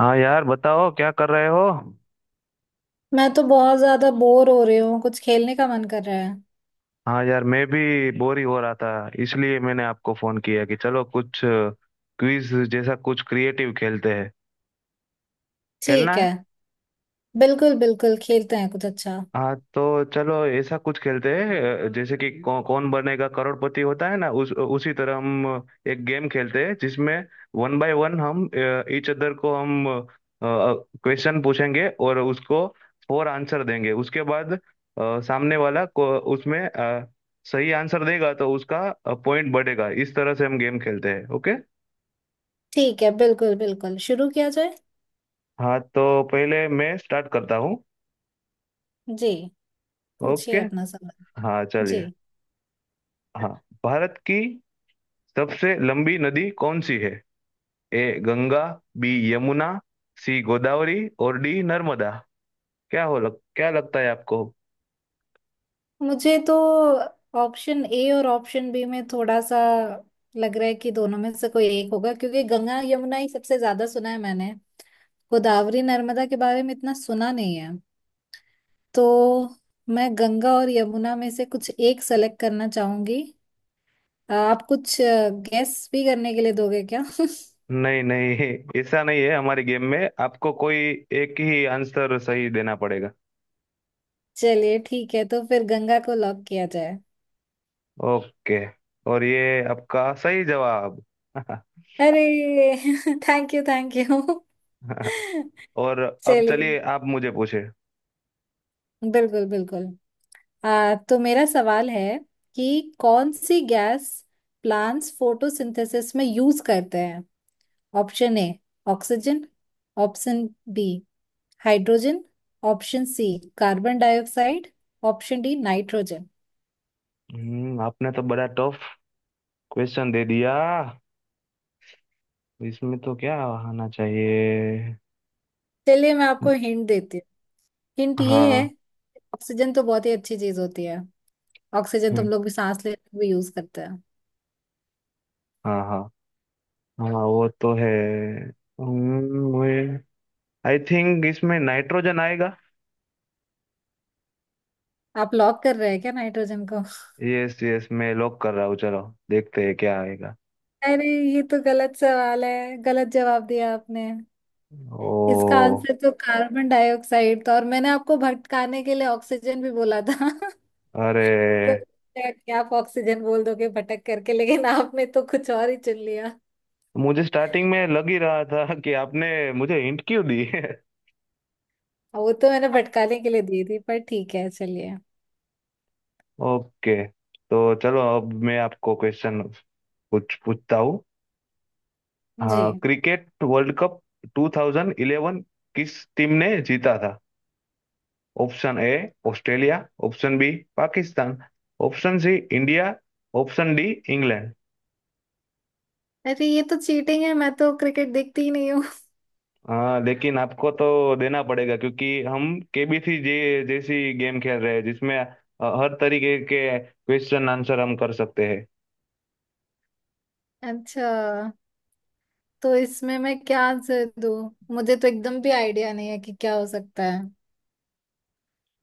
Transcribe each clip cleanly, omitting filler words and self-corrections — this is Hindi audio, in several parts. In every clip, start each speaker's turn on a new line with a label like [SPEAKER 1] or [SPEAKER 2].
[SPEAKER 1] हाँ यार बताओ क्या कर रहे हो।
[SPEAKER 2] मैं तो बहुत ज्यादा बोर हो रही हूँ। कुछ खेलने का मन कर रहा है।
[SPEAKER 1] हाँ यार मैं भी बोर ही हो रहा था, इसलिए मैंने आपको फोन किया कि चलो कुछ क्विज जैसा कुछ क्रिएटिव खेलते हैं। खेलना
[SPEAKER 2] ठीक
[SPEAKER 1] है?
[SPEAKER 2] है, बिल्कुल बिल्कुल खेलते हैं कुछ अच्छा।
[SPEAKER 1] हाँ तो चलो ऐसा कुछ खेलते हैं। जैसे कि कौन बनेगा करोड़पति होता है ना, उस उसी तरह हम एक गेम खेलते हैं जिसमें वन बाय वन हम ईच अदर को हम क्वेश्चन पूछेंगे, और उसको फोर आंसर देंगे। उसके बाद सामने वाला को उसमें सही आंसर देगा तो उसका पॉइंट बढ़ेगा। इस तरह से हम गेम खेलते हैं, ओके?
[SPEAKER 2] ठीक है, बिल्कुल बिल्कुल शुरू किया जाए।
[SPEAKER 1] हाँ, तो पहले मैं स्टार्ट करता हूँ।
[SPEAKER 2] जी, पूछिए
[SPEAKER 1] ओके।
[SPEAKER 2] अपना सवाल।
[SPEAKER 1] हाँ
[SPEAKER 2] जी,
[SPEAKER 1] चलिए। हाँ। भारत की सबसे लंबी नदी कौन सी है? A Ganga, B Yamuna, C Godavari और डी नर्मदा। क्या लगता है आपको?
[SPEAKER 2] मुझे तो ऑप्शन ए और ऑप्शन बी में थोड़ा सा लग रहा है कि दोनों में से कोई एक होगा, क्योंकि गंगा यमुना ही सबसे ज्यादा सुना है मैंने। गोदावरी नर्मदा के बारे में इतना सुना नहीं है, तो मैं गंगा और यमुना में से कुछ एक सेलेक्ट करना चाहूंगी। आप कुछ गेस भी करने के लिए दोगे क्या?
[SPEAKER 1] नहीं नहीं, ऐसा नहीं है, हमारे गेम में आपको कोई एक ही आंसर सही देना पड़ेगा।
[SPEAKER 2] चलिए ठीक है, तो फिर गंगा को लॉक किया जाए।
[SPEAKER 1] ओके, और ये आपका सही जवाब।
[SPEAKER 2] अरे! Thank you, thank you.
[SPEAKER 1] और अब
[SPEAKER 2] चलिए।
[SPEAKER 1] चलिए, आप मुझे पूछे।
[SPEAKER 2] बिल्कुल बिल्कुल। तो मेरा सवाल है कि कौन सी गैस प्लांट्स फोटोसिंथेसिस में यूज करते हैं। Option A oxygen, option B hydrogen, option C carbon dioxide, option D nitrogen.
[SPEAKER 1] आपने तो बड़ा टफ क्वेश्चन दे दिया। इसमें तो क्या आना चाहिए?
[SPEAKER 2] चलिए, मैं आपको हिंट देती हूँ। हिंट ये है।
[SPEAKER 1] हाँ।
[SPEAKER 2] ऑक्सीजन तो बहुत ही अच्छी चीज होती है। ऑक्सीजन तुम
[SPEAKER 1] हम्म।
[SPEAKER 2] लोग भी सांस लेने में भी यूज करते हैं।
[SPEAKER 1] हाँ हाँ। हाँ, वो तो है। मुझे आई थिंक इसमें नाइट्रोजन आएगा।
[SPEAKER 2] आप लॉक कर रहे हैं क्या नाइट्रोजन को?
[SPEAKER 1] यस यस, मैं लॉक कर रहा हूँ, चलो देखते हैं क्या आएगा।
[SPEAKER 2] अरे, ये तो गलत सवाल है, गलत जवाब दिया आपने। इसका
[SPEAKER 1] ओ।
[SPEAKER 2] आंसर तो कार्बन डाइऑक्साइड था, और मैंने आपको भटकाने के लिए ऑक्सीजन भी बोला था। तो
[SPEAKER 1] अरे,
[SPEAKER 2] क्या आप ऑक्सीजन बोल दोगे भटक करके, लेकिन आपने तो कुछ और ही चुन लिया।
[SPEAKER 1] मुझे स्टार्टिंग में लग ही रहा था कि आपने मुझे हिंट क्यों दी है।
[SPEAKER 2] वो तो मैंने भटकाने के लिए दी थी, पर ठीक है चलिए।
[SPEAKER 1] ओके, तो चलो अब मैं आपको क्वेश्चन कुछ पूछता हूँ।
[SPEAKER 2] जी,
[SPEAKER 1] हाँ, क्रिकेट वर्ल्ड कप 2011 किस टीम ने जीता था? Option A Australia, option B Pakistan, option C India, option D England.
[SPEAKER 2] अरे ये तो चीटिंग है, मैं तो क्रिकेट देखती ही नहीं।
[SPEAKER 1] हाँ, लेकिन आपको तो देना पड़ेगा, क्योंकि हम केबीसी जे जैसी गेम खेल रहे हैं जिसमें हर तरीके के क्वेश्चन आंसर हम कर सकते हैं।
[SPEAKER 2] अच्छा, तो इसमें मैं क्या आंसर दूँ? मुझे तो एकदम भी आइडिया नहीं है कि क्या हो सकता है।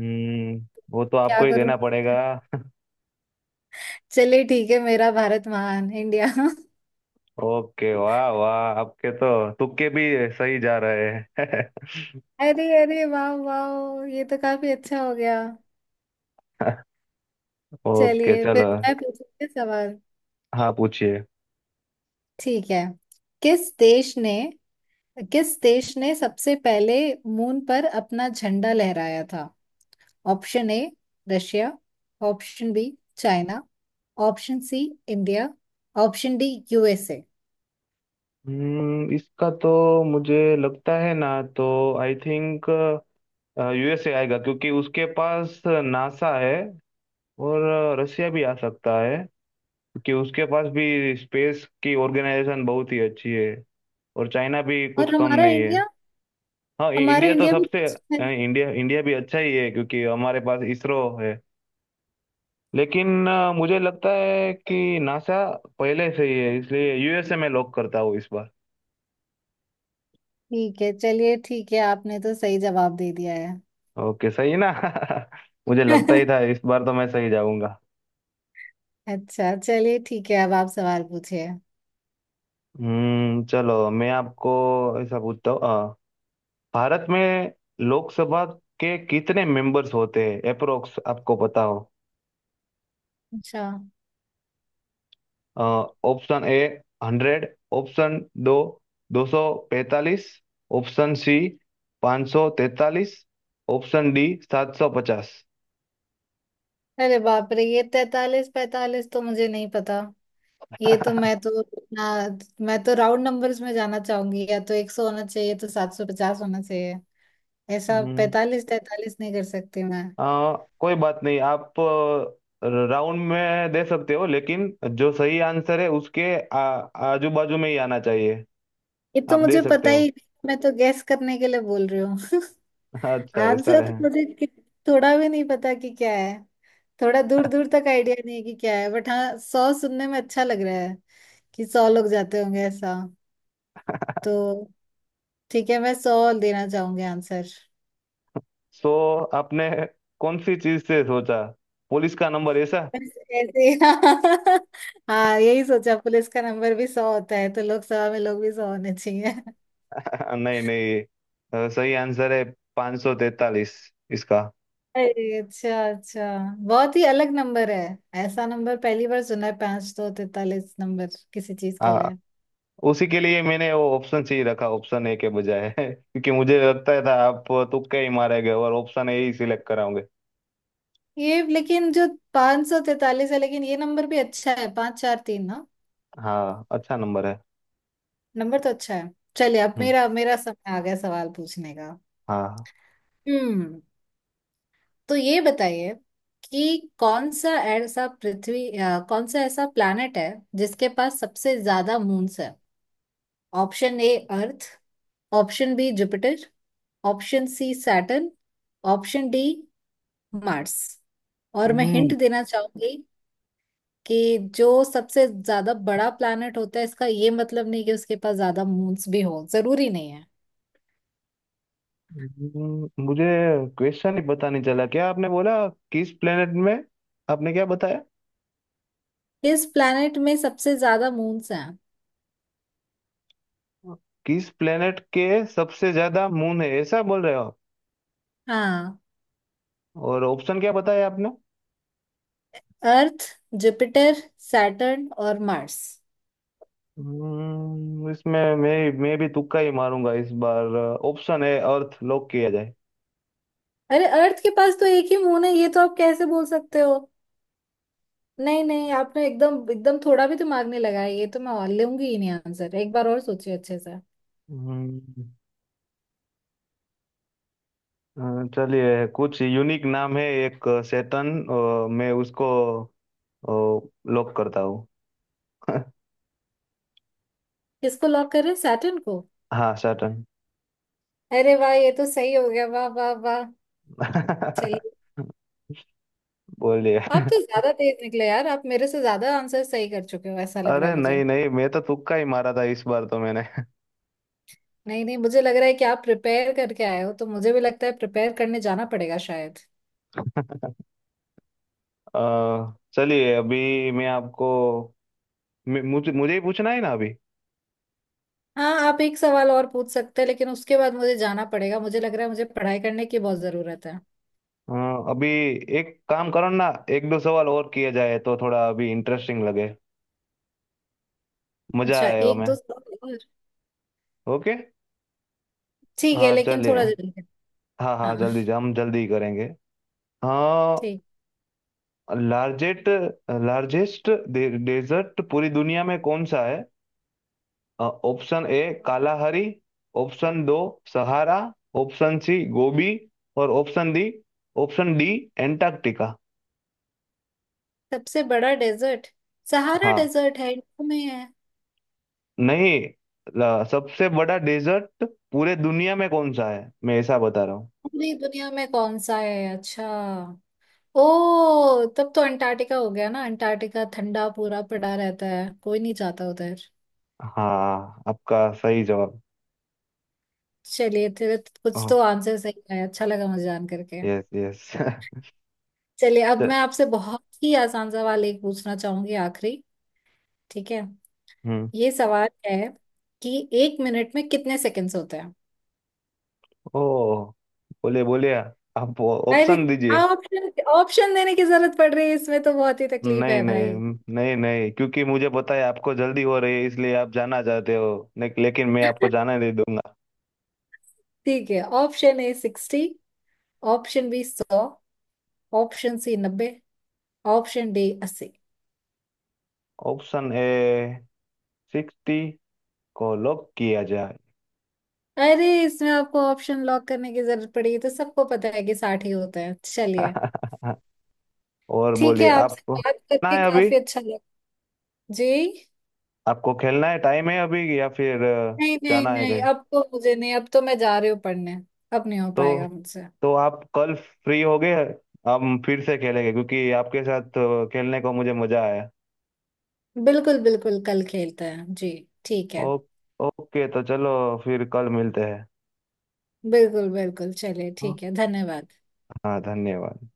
[SPEAKER 1] हम्म वो तो
[SPEAKER 2] क्या
[SPEAKER 1] आपको ही
[SPEAKER 2] करूँ?
[SPEAKER 1] देना पड़ेगा।
[SPEAKER 2] चलिए ठीक है, मेरा भारत महान, इंडिया।
[SPEAKER 1] ओके, वाह वाह, आपके तो तुक्के भी सही जा रहे हैं।
[SPEAKER 2] अरे अरे, वाह वाह, ये तो काफी अच्छा हो गया।
[SPEAKER 1] ओके
[SPEAKER 2] चलिए, फिर
[SPEAKER 1] चलो।
[SPEAKER 2] मैं पूछूंगी सवाल।
[SPEAKER 1] हाँ पूछिए।
[SPEAKER 2] ठीक है। किस देश ने किस देश ने सबसे पहले मून पर अपना झंडा लहराया था? Option A Russia, option B China, option C India, option D USA.
[SPEAKER 1] इसका तो मुझे लगता है ना, तो आई थिंक यूएसए आएगा, क्योंकि उसके पास नासा है। और रसिया भी आ सकता है, क्योंकि उसके पास भी स्पेस की ऑर्गेनाइजेशन बहुत ही अच्छी है। और चाइना भी कुछ
[SPEAKER 2] और
[SPEAKER 1] कम
[SPEAKER 2] हमारा
[SPEAKER 1] नहीं है।
[SPEAKER 2] इंडिया?
[SPEAKER 1] हाँ,
[SPEAKER 2] हमारा
[SPEAKER 1] इंडिया तो
[SPEAKER 2] इंडिया भी
[SPEAKER 1] सबसे
[SPEAKER 2] है।
[SPEAKER 1] इंडिया इंडिया भी अच्छा ही है, क्योंकि हमारे पास इसरो है। लेकिन मुझे लगता है कि नासा पहले से ही है, इसलिए यूएसए में लॉक करता हूँ इस बार।
[SPEAKER 2] ठीक है, चलिए, ठीक है, आपने तो सही जवाब दे दिया है।
[SPEAKER 1] ओके, सही है ना? मुझे लगता ही था, इस बार तो मैं सही जाऊंगा।
[SPEAKER 2] अच्छा चलिए, ठीक है, अब आप सवाल पूछिए।
[SPEAKER 1] चलो मैं आपको ऐसा पूछता हूँ, भारत में लोकसभा के कितने मेंबर्स होते हैं अप्रोक्स, आपको पता हो?
[SPEAKER 2] अच्छा।
[SPEAKER 1] ऑप्शन ए 100, ऑप्शन दो 245, ऑप्शन सी 543, ऑप्शन डी 750।
[SPEAKER 2] अरे बाप रे, ये तैतालीस पैतालीस तो मुझे नहीं पता। ये तो मैं तो, ना, मैं तो राउंड नंबर्स में जाना चाहूंगी। या तो 100 होना चाहिए, तो 750 होना चाहिए। ऐसा
[SPEAKER 1] हम्म
[SPEAKER 2] पैतालीस तैतालीस नहीं कर सकती मैं।
[SPEAKER 1] आ, कोई बात नहीं, आप राउंड में दे सकते हो, लेकिन जो सही आंसर है उसके आजू बाजू में ही आना चाहिए।
[SPEAKER 2] ये तो
[SPEAKER 1] आप दे
[SPEAKER 2] मुझे पता
[SPEAKER 1] सकते
[SPEAKER 2] ही
[SPEAKER 1] हो।
[SPEAKER 2] नहीं, मैं तो गैस करने के लिए बोल रही हूँ।
[SPEAKER 1] अच्छा, ऐसा
[SPEAKER 2] आंसर
[SPEAKER 1] है।
[SPEAKER 2] तो थोड़ा भी नहीं पता कि क्या है। थोड़ा दूर दूर तक आइडिया नहीं है कि क्या है, बट हाँ, 100 सुनने में अच्छा लग रहा है कि 100 लोग जाते होंगे ऐसा। तो ठीक है, मैं 100 देना चाहूंगी आंसर।
[SPEAKER 1] सो आपने कौन सी चीज से सोचा, पुलिस का नंबर ऐसा?
[SPEAKER 2] बस ऐसे, हाँ। हाँ, यही सोचा, पुलिस का नंबर भी 100 होता है, तो लोकसभा में लोग भी 100 होने चाहिए।
[SPEAKER 1] नहीं नहीं, सही आंसर है 543 इसका।
[SPEAKER 2] अरे अच्छा अच्छा, बहुत ही अलग नंबर है। ऐसा नंबर पहली बार सुना है, 543 नंबर किसी चीज के
[SPEAKER 1] आ,
[SPEAKER 2] लिए।
[SPEAKER 1] उसी के लिए मैंने वो ऑप्शन सी रखा, ऑप्शन ए के बजाय, क्योंकि मुझे लगता था आप तुक्के ही मारेंगे और ऑप्शन ए ही सिलेक्ट कराओगे।
[SPEAKER 2] ये लेकिन जो 543 है, लेकिन ये नंबर भी अच्छा है, 5, 4, 3 ना।
[SPEAKER 1] हाँ, अच्छा नंबर है।
[SPEAKER 2] नंबर तो अच्छा है। चलिए, अब मेरा मेरा समय आ गया सवाल पूछने का।
[SPEAKER 1] हाँ।
[SPEAKER 2] हम्म, तो ये बताइए कि कौन सा ऐसा पृथ्वी, कौन सा ऐसा प्लैनेट है जिसके पास सबसे ज्यादा मून्स है? Option A earth, option B Jupiter, option C Saturn, option D Mars. और मैं हिंट
[SPEAKER 1] हम्म।
[SPEAKER 2] देना चाहूंगी कि जो सबसे ज्यादा बड़ा प्लैनेट होता है, इसका ये मतलब नहीं कि उसके पास ज्यादा मून्स भी हो, जरूरी नहीं है।
[SPEAKER 1] मुझे क्वेश्चन ही पता नहीं चला, क्या आपने बोला? किस प्लेनेट में आपने क्या बताया?
[SPEAKER 2] इस प्लैनेट में सबसे ज्यादा मून्स हैं।
[SPEAKER 1] किस प्लेनेट के सबसे ज्यादा मून है, ऐसा बोल रहे हो आप?
[SPEAKER 2] हाँ।
[SPEAKER 1] और ऑप्शन क्या बताया आपने?
[SPEAKER 2] अर्थ, जुपिटर, सैटर्न और मार्स।
[SPEAKER 1] इसमें मैं भी तुक्का ही मारूंगा इस बार। ऑप्शन है अर्थ, लॉक किया जाए।
[SPEAKER 2] अरे, अर्थ के पास तो एक ही मून है, ये तो आप कैसे बोल सकते हो? नहीं नहीं, आपने एकदम एकदम थोड़ा भी दिमाग नहीं लगाया, ये तो मैं और लूंगी ही नहीं आंसर, एक बार और सोचिए अच्छे से।
[SPEAKER 1] हम्म, चलिए, कुछ यूनिक नाम है एक सैटर्न, मैं उसको लॉक करता हूँ।
[SPEAKER 2] किसको लॉक करें, सैटर्न को?
[SPEAKER 1] हाँ सैटर्न।
[SPEAKER 2] अरे वाह, ये तो सही हो गया, वाह वाह वाह। चलिए।
[SPEAKER 1] बोलिए।
[SPEAKER 2] आप तो ज्यादा तेज निकले यार, आप मेरे से ज्यादा आंसर सही कर चुके हो, ऐसा लग रहा
[SPEAKER 1] अरे
[SPEAKER 2] है मुझे।
[SPEAKER 1] नहीं नहीं, मैं तो तुक्का ही मारा था इस बार तो मैंने।
[SPEAKER 2] नहीं नहीं, मुझे लग रहा है कि आप प्रिपेयर करके आए हो, तो मुझे भी लगता है प्रिपेयर करने जाना पड़ेगा शायद।
[SPEAKER 1] चलिए, अभी मैं आपको मुझे मुझे ही पूछना है ना अभी।
[SPEAKER 2] हाँ, आप एक सवाल और पूछ सकते हैं, लेकिन उसके बाद मुझे जाना पड़ेगा, मुझे लग रहा है मुझे पढ़ाई करने की बहुत जरूरत है।
[SPEAKER 1] अ, अभी एक काम करो ना, एक दो सवाल और किए जाए, तो थोड़ा अभी इंटरेस्टिंग लगे, मजा
[SPEAKER 2] अच्छा,
[SPEAKER 1] आए
[SPEAKER 2] एक
[SPEAKER 1] हमें।
[SPEAKER 2] दो सवाल और।
[SPEAKER 1] ओके।
[SPEAKER 2] ठीक है,
[SPEAKER 1] हाँ
[SPEAKER 2] लेकिन
[SPEAKER 1] चलिए। हाँ हाँ,
[SPEAKER 2] हाँ।
[SPEAKER 1] जल्दी, हम जल्दी करेंगे। हाँ।
[SPEAKER 2] ठीक।
[SPEAKER 1] लार्जेस्ट लार्जेस्ट डेजर्ट पूरी दुनिया में कौन सा है? ऑप्शन ए कालाहरी, ऑप्शन दो सहारा, ऑप्शन सी गोबी और option D, option D Antarctica.
[SPEAKER 2] सबसे बड़ा डेजर्ट सहारा
[SPEAKER 1] हाँ।
[SPEAKER 2] डेजर्ट है, इंडिया में है।
[SPEAKER 1] नहीं, सबसे बड़ा डेजर्ट पूरे दुनिया में कौन सा है, मैं ऐसा बता रहा हूँ।
[SPEAKER 2] पूरी दुनिया में कौन सा है, अच्छा। ओ, तब तो अंटार्कटिका हो गया ना, अंटार्कटिका ठंडा पूरा पड़ा रहता है, कोई नहीं जाता उधर।
[SPEAKER 1] हाँ, आपका सही जवाब।
[SPEAKER 2] चलिए तेरे कुछ तो आंसर सही है, अच्छा लगा मुझे जान करके।
[SPEAKER 1] Yes yes.
[SPEAKER 2] चलिए, अब मैं आपसे बहुत ही आसान सवाल एक पूछना चाहूंगी आखिरी। ठीक है।
[SPEAKER 1] हम्म।
[SPEAKER 2] ये सवाल है कि एक मिनट में कितने सेकंड्स होते हैं?
[SPEAKER 1] ओ, बोलिए बोलिए, आप
[SPEAKER 2] अरे,
[SPEAKER 1] ऑप्शन दीजिए।
[SPEAKER 2] ऑप्शन ऑप्शन देने की जरूरत पड़ रही है, इसमें तो बहुत ही तकलीफ
[SPEAKER 1] नहीं
[SPEAKER 2] है
[SPEAKER 1] नहीं
[SPEAKER 2] भाई।
[SPEAKER 1] नहीं नहीं, क्योंकि मुझे पता है आपको जल्दी हो रही है, इसलिए आप जाना चाहते हो, लेकिन मैं आपको जाने नहीं दूंगा।
[SPEAKER 2] ठीक है, option A 60, option B 100, option C 90, option D 80।
[SPEAKER 1] Option A 60 को लॉक किया जाए।
[SPEAKER 2] अरे, इसमें आपको ऑप्शन लॉक करने की जरूरत पड़ी, तो सबको पता है कि 60 ही होता है, चलिए।
[SPEAKER 1] और
[SPEAKER 2] ठीक है,
[SPEAKER 1] बोलिए,
[SPEAKER 2] आपसे
[SPEAKER 1] आपको
[SPEAKER 2] बात
[SPEAKER 1] ना
[SPEAKER 2] करके
[SPEAKER 1] है अभी?
[SPEAKER 2] काफी अच्छा लगा। जी,
[SPEAKER 1] आपको खेलना है, टाइम है अभी, या फिर
[SPEAKER 2] नहीं नहीं
[SPEAKER 1] जाना है
[SPEAKER 2] नहीं,
[SPEAKER 1] कहीं?
[SPEAKER 2] अब तो मुझे नहीं, अब तो मैं जा रही हूँ पढ़ने। अब नहीं हो
[SPEAKER 1] तो
[SPEAKER 2] पाएगा मुझसे।
[SPEAKER 1] तो आप कल फ्री हो गए, हम फिर से खेलेंगे, क्योंकि आपके साथ खेलने को मुझे मजा आया।
[SPEAKER 2] बिल्कुल बिल्कुल, कल खेलते हैं जी। ठीक
[SPEAKER 1] ओ,
[SPEAKER 2] है,
[SPEAKER 1] ओके, तो चलो, फिर कल मिलते हैं।
[SPEAKER 2] बिल्कुल बिल्कुल, चलिए
[SPEAKER 1] हाँ।
[SPEAKER 2] ठीक है, धन्यवाद।
[SPEAKER 1] हाँ, धन्यवाद।